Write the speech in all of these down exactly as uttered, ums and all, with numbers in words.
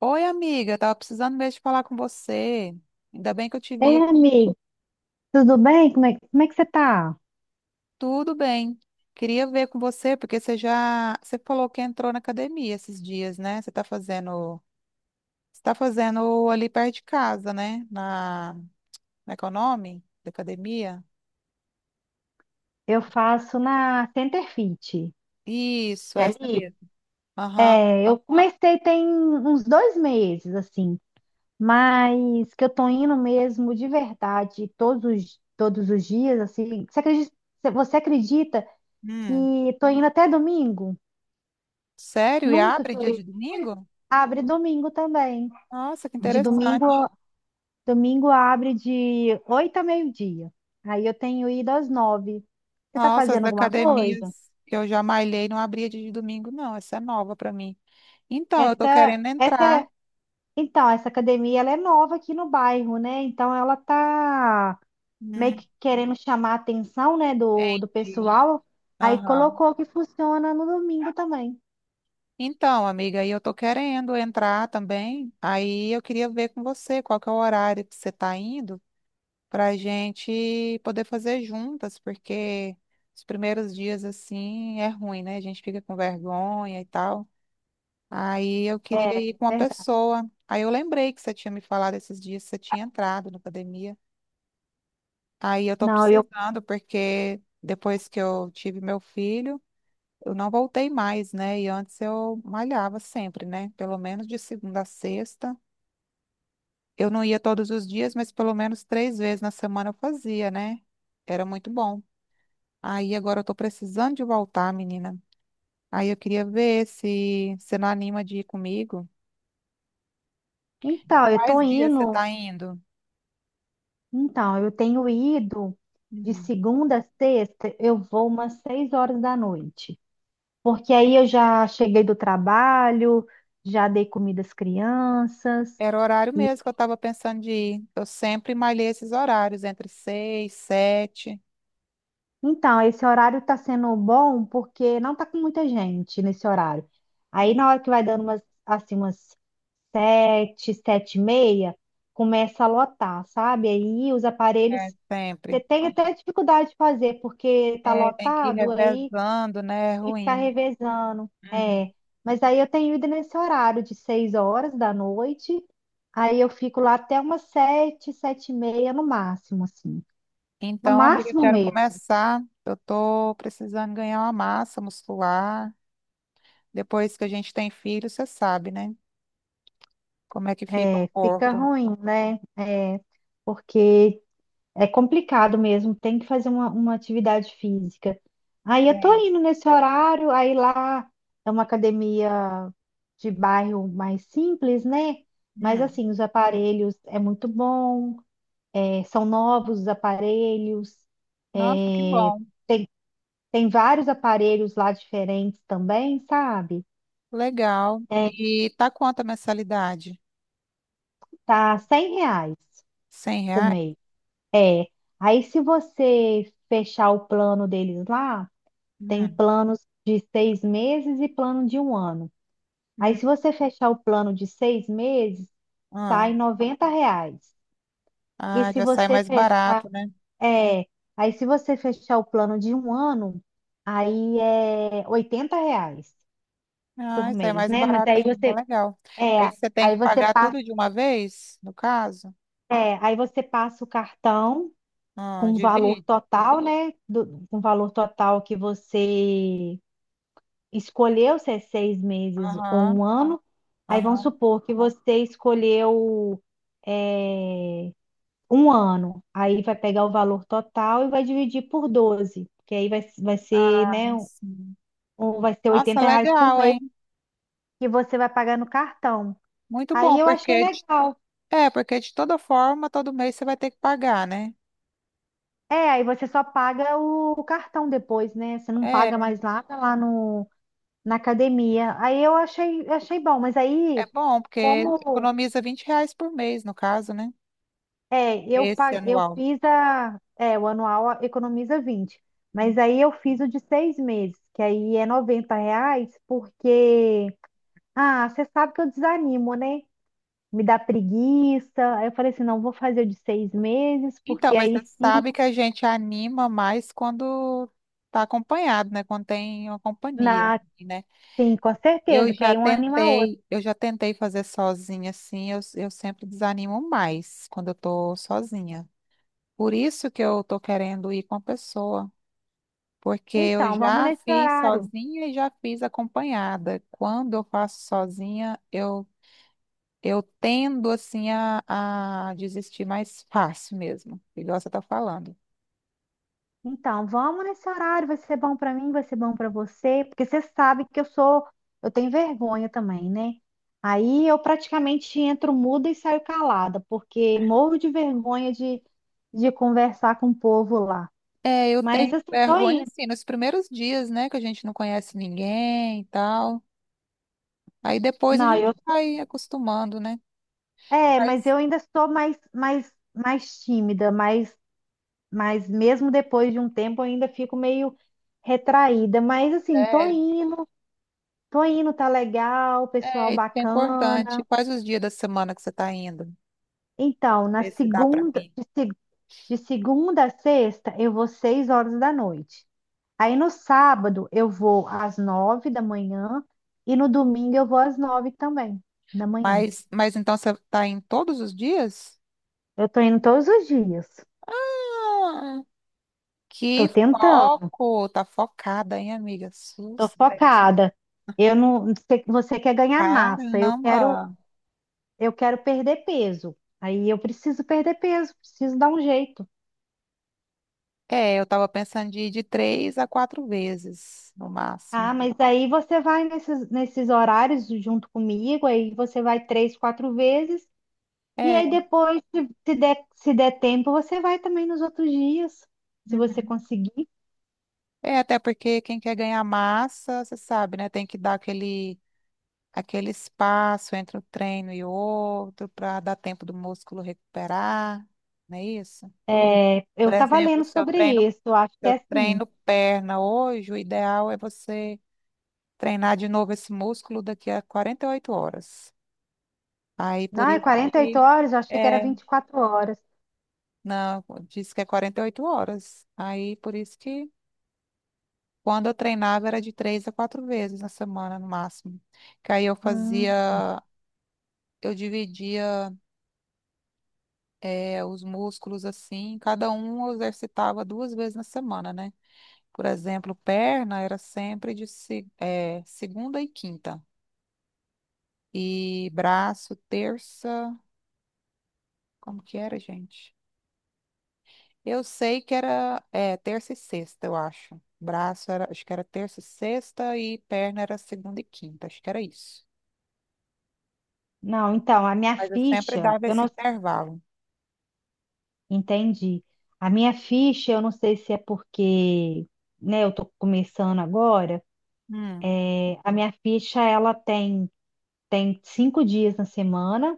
Oi, amiga, tava precisando mesmo de falar com você. Ainda bem que eu te Ei, vi. amigo, tudo bem? Como é, como é que você tá? Tudo bem. Queria ver com você, porque você já, você falou que entrou na academia esses dias, né? Você tá fazendo, você tá fazendo ali perto de casa, né? Na, na Econome, da academia. Eu faço na Center Fit. Isso, É essa ali, mesmo. Aham. é, eu comecei tem uns dois meses, assim, mas que eu tô indo mesmo de verdade todos os, todos os dias, assim. Você acredita, você acredita Hum. que tô indo até domingo? Sério? E Nunca abre que dia de eu... domingo? Abre domingo também. Nossa, que De domingo, interessante. domingo abre de oito a meio-dia. Aí eu tenho ido às nove. Você tá Nossa, as fazendo alguma coisa? academias que eu já malhei não abria dia de domingo, não. Essa é nova para mim. Então, eu tô Essa, querendo entrar. essa, então, essa academia ela é nova aqui no bairro, né? Então ela tá meio Hum, que querendo chamar a atenção, né, do, do entendi. pessoal. Aí Aham. colocou que funciona no domingo também. Então, amiga, aí eu tô querendo entrar também. Aí eu queria ver com você qual que é o horário que você tá indo para a gente poder fazer juntas, porque os primeiros dias assim é ruim, né? A gente fica com vergonha e tal. Aí eu É queria ir com uma verdade. pessoa. Aí eu lembrei que você tinha me falado esses dias que você tinha entrado na academia. Aí eu tô Não, eu, precisando, porque depois que eu tive meu filho. Eu não voltei mais, né? E antes eu malhava sempre, né? Pelo menos de segunda a sexta. Eu não ia todos os dias, mas pelo menos três vezes na semana eu fazia, né? Era muito bom. Aí agora eu tô precisando de voltar, menina. Aí eu queria ver se você não anima de ir comigo. então, eu tô Quais dias você indo, tá indo? então, eu tenho ido de Hum. segunda a sexta, eu vou umas seis horas da noite. Porque aí eu já cheguei do trabalho, já dei comida às crianças. Era o horário e mesmo que eu tava pensando de ir. Eu sempre malhei esses horários, entre seis, sete. Então, esse horário está sendo bom porque não está com muita gente nesse horário. Aí, na hora que vai dando umas, assim, umas sete, sete e meia, começa a lotar, sabe? Aí os É, aparelhos, sempre. você tem até dificuldade de fazer, porque tá É, tem que ir lotado, aí revezando, né? É tem que ficar ruim. revezando. Uhum. É, mas aí eu tenho ido nesse horário de seis horas da noite, aí eu fico lá até umas sete, sete e meia no máximo, assim. No Então, amiga, eu máximo. quero começar. Eu tô precisando ganhar uma massa muscular. Depois que a gente tem filho, você sabe, né? Como é que fica o É, fica corpo. ruim, né? É, porque é complicado mesmo, tem que fazer uma, uma atividade física. Aí eu tô Tem. indo nesse horário, aí lá é uma academia de bairro mais simples, né? Mas Hum. assim, os aparelhos é muito bom, é, são novos os aparelhos, Nossa, que é, bom. tem, tem vários aparelhos lá diferentes também, sabe? Legal. É, E tá quanto a mensalidade? tá R$ reais 100 o reais? mês. É. Aí, se você fechar o plano deles lá, tem Hum. planos de seis meses e plano de um ano. Aí, Hum. se você fechar o plano de seis meses, Ah, sai noventa reais. E ah, se já sai você mais fechar, barato, né? é, aí se você fechar o plano de um ano, aí é oitenta reais por Ah, sai mês, mais né? Mas barato aí ainda. você, Legal. Aí é, você tem aí que você pagar passa, tudo de uma vez, no caso? é, aí você passa o cartão Ah, com o valor divide? total, né? Do, com o valor total que você escolheu se é seis meses ou Aham, um ano, aí vamos aham. supor que você escolheu é, um ano, aí vai pegar o valor total e vai dividir por doze, porque aí vai, vai ser, Ah, né, sim. um, vai ser Nossa, oitenta reais por legal, mês hein? que você vai pagar no cartão. Muito Aí bom, eu achei porque de- legal. é, porque de toda forma, todo mês você vai ter que pagar, né? É, aí você só paga o, o cartão depois, né? Você não paga É, mais nada lá no, na academia. Aí eu achei, achei bom, mas é aí, bom, porque como economiza vinte reais por mês, no caso, né? É, eu, Esse pa- eu anual. fiz a. É, o anual economiza vinte. Mas aí eu fiz o de seis meses, que aí é noventa reais, porque. Ah, você sabe que eu desanimo, né? Me dá preguiça. Aí eu falei assim: não, vou fazer o de seis meses, Então, porque mas você aí se. sabe que a gente anima mais quando tá acompanhado, né? Quando tem uma companhia, Na... assim, né? Sim, com Eu certeza, que já aí um anima a outra. tentei, eu já tentei fazer sozinha, assim, eu, eu sempre desanimo mais quando eu tô sozinha. Por isso que eu tô querendo ir com a pessoa. Porque eu Então, vamos já nesse fiz horário. sozinha e já fiz acompanhada. Quando eu faço sozinha, eu, eu tendo assim a, a desistir mais fácil mesmo, igual você está falando. Então, vamos nesse horário, vai ser bom pra mim, vai ser bom pra você, porque você sabe que eu sou, eu tenho vergonha também, né? Aí eu praticamente entro muda e saio calada, porque morro de vergonha de, de conversar com o povo lá. É, eu Mas tenho assim, tô vergonha indo. assim nos primeiros dias, né, que a gente não conhece ninguém e tal. Aí depois a Não, gente eu tô- vai acostumando, né? é, mas Mas eu ainda estou mais mais mais tímida, mais mas mesmo depois de um tempo eu ainda fico meio retraída, mas assim, tô sério, indo, tô indo, tá legal, pessoal é, isso que é importante. bacana. Quais os dias da semana que você está indo? Então, na Ver se dá para segunda, mim. de, se- de segunda a sexta, eu vou seis horas da noite. Aí no sábado eu vou às nove da manhã e no domingo eu vou às nove também da manhã. Mas, mas então você está em todos os dias? Eu tô indo todos os dias. Ah, Tô que tentando, foco! Tá focada, hein, amiga? tô Sucesso. focada. Eu não, você você quer ganhar massa, eu Caramba! quero, eu quero perder peso. Aí eu preciso perder peso, preciso dar um jeito. É, eu tava pensando de ir de três a quatro vezes, no Ah, máximo. mas aí você vai nesses, nesses horários junto comigo, aí você vai três, quatro vezes. E aí É, depois, se se der, se der tempo, você vai também nos outros dias, se você uhum. conseguir. É, até porque quem quer ganhar massa, você sabe, né? Tem que dar aquele, aquele espaço entre um treino e outro para dar tempo do músculo recuperar, não é isso? É, eu Por estava exemplo, lendo se eu sobre treino, isso, eu acho se que eu é assim. treino perna hoje, o ideal é você. Treinar de novo esse músculo daqui a quarenta e oito horas. Aí por Não, é isso quarenta e oito que horas, eu achei que era é, vinte e quatro horas. não, diz que é quarenta e oito horas. Aí por isso que quando eu treinava era de três a quatro vezes na semana no máximo. Que aí eu Hum, fazia, eu dividia é, os músculos assim, cada um eu exercitava duas vezes na semana, né? Por exemplo, perna era sempre de se- é, segunda e quinta. E braço, terça, como que era, gente? Eu sei que era é, terça e sexta, eu acho. Braço era, acho que era terça e sexta e perna era segunda e quinta, acho que era isso. não, então, a minha Mas eu sempre ficha, dava eu esse não intervalo. entendi. A minha ficha, eu não sei se é porque, né, eu tô começando agora. Hum, A minha ficha, ela tem, tem cinco dias na semana.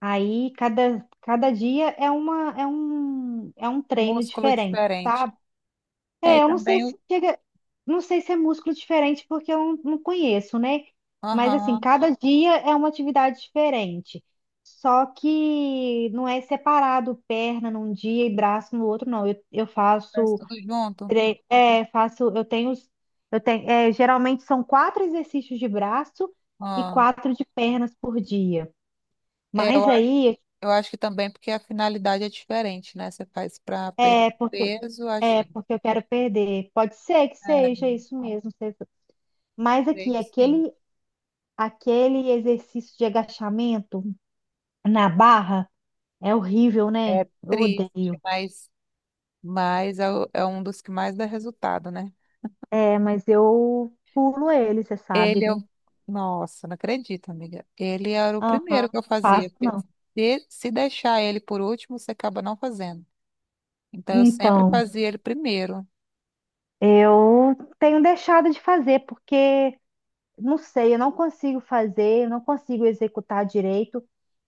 Aí cada, cada dia é uma é um é um treino músculo diferente, diferente. sabe? É, e É, eu não sei também, o- se chega, não sei se é músculo diferente porque eu não, não conheço, né? Mas assim, aham, cada dia é uma atividade diferente. Só que não é separado perna num dia e braço no outro, não. Eu, eu faz faço, tudo junto. tre- é, faço, eu tenho, os- eu tenho, é, geralmente são quatro exercícios de braço e Ah, quatro de pernas por dia. é, eu Mas acho, aí, eu acho que também porque a finalidade é diferente, né? Você faz para perder É porque peso, acho é que porque eu quero perder. Pode ser que é, seja isso mesmo. seja- Mas creio aqui, que sim. aquele aquele exercício de agachamento na barra é horrível, né? É Eu triste, odeio. mas, mas é, o- é um dos que mais dá resultado, né? É, mas eu pulo ele, você sabe, Ele eu, né? nossa, não acredito, amiga. Ele era o Aham, primeiro que eu não fazia. faço Porque não. Se, se deixar ele por último, você acaba não fazendo. Então eu sempre Então, fazia ele primeiro. eu tenho deixado de fazer porque não sei, eu não consigo fazer, eu não consigo executar direito.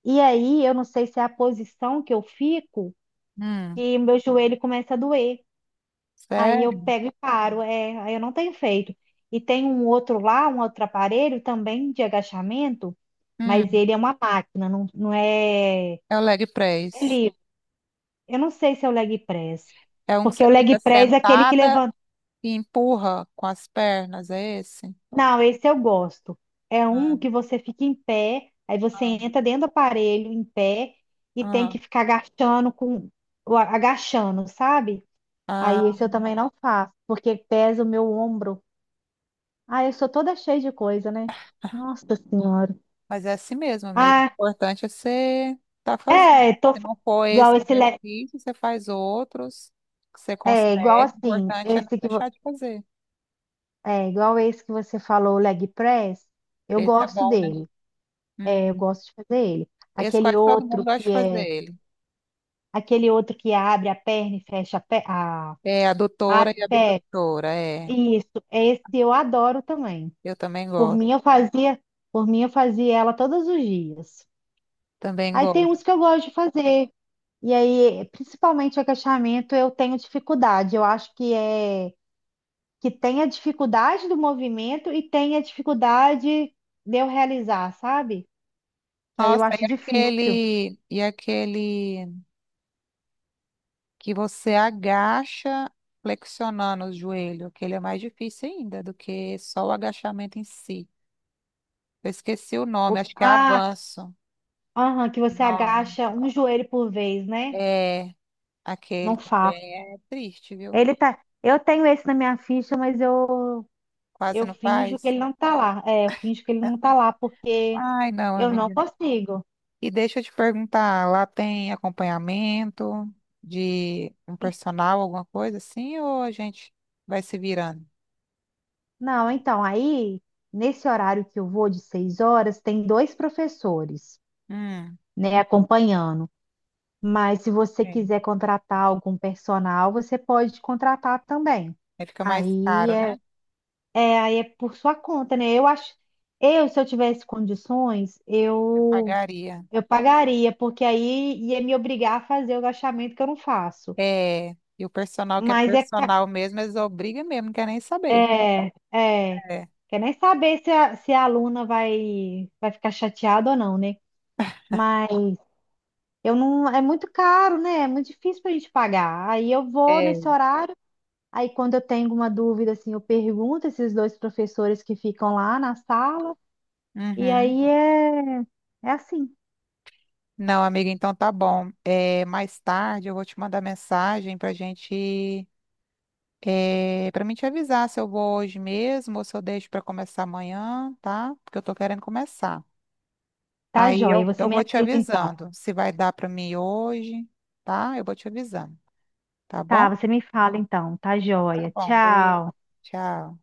E aí, eu não sei se é a posição que eu fico Hum, e meu joelho começa a doer. Aí eu sério? pego e paro, é, aí eu não tenho feito. E tem um outro lá, um outro aparelho também de agachamento, mas Hum, ele é uma máquina, não, não é, é o leg é press. livre. Eu não sei se é o leg press, É um que porque você o leg fica press é aquele que sentada levanta. e empurra com as pernas, é esse? Não, esse eu gosto. É um Ah, que você fica em pé, aí você ah, entra dentro do aparelho em pé e tem ah, que ficar agachando com o- agachando, sabe? Aí ah. esse eu também não faço, porque pesa o meu ombro. Ah, eu sou toda cheia de coisa, né? Nossa Senhora. Mas é assim mesmo, amigo. Ah, O importante é você estar fazendo. é, tô Se fa- não for igual esse esse le- exercício, você faz outros que você é igual consegue. O assim, importante é não esse que vo- deixar de fazer. é igual esse que você falou, o leg press, eu Esse é gosto bom, né? dele. É, Hum. eu gosto de fazer ele. Esse Aquele quase todo mundo outro gosta que de fazer é ele. aquele outro que abre a perna e fecha a, pe- a, É, a adutora e perna. abdutora, é. Isso, esse eu adoro também. Eu também Por gosto. mim eu fazia, por mim eu fazia ela todos os dias. Também Aí tem gosto. uns que eu gosto de fazer. E aí, principalmente o agachamento, eu tenho dificuldade. Eu acho que é que tem a dificuldade do movimento e tem a dificuldade de eu realizar, sabe? Que aí eu Nossa, e acho difícil. aquele, e aquele que você agacha flexionando o joelho, aquele é mais difícil ainda do que só o agachamento em si. Eu esqueci o nome, O- acho que é Ah, Avanço. aham, que O você Nome. agacha um joelho por vez, né? É, aquele Não faço. também é triste, viu? Ele tá. Eu tenho esse na minha ficha, mas eu, Quase eu não finjo que faz. ele não tá lá. É, eu finjo que ele não tá lá porque Ai, não, eu não amiga. consigo. E deixa eu te perguntar, lá tem acompanhamento de um personal, alguma coisa assim, ou a gente vai se virando? Não, então, aí, nesse horário que eu vou de seis horas, tem dois professores, Hum, né, acompanhando. Mas se você bem. quiser contratar algum personal, você pode contratar também. Aí fica mais Aí caro, é, né? é- aí é por sua conta, né? Eu acho, eu, se eu tivesse condições, Eu eu pagaria. eu pagaria, porque aí ia me obrigar a fazer o agachamento que eu não faço. É, e o personal que é Mas é, ca- personal mesmo, eles obrigam mesmo, não quer nem saber. é, é, É. quer nem saber se a, se a aluna vai, vai ficar chateada ou não, né? Mas Eu não, é muito caro, né? É muito difícil para a gente pagar. Aí eu vou nesse É. horário, aí quando eu tenho uma dúvida, assim, eu pergunto esses dois professores que ficam lá na sala, e Uhum. aí é, é assim, Não, amiga, então tá bom. É, mais tarde eu vou te mandar mensagem pra gente, é, pra mim te avisar se eu vou hoje mesmo ou se eu deixo pra começar amanhã, tá? Porque eu tô querendo começar. tá Aí eu, joia. Você eu me vou te avisa então. avisando se vai dar pra mim hoje, tá? Eu vou te avisando, tá bom? Tá, você me fala então, tá Então tá joia. bom, beijo. Tchau. Tchau.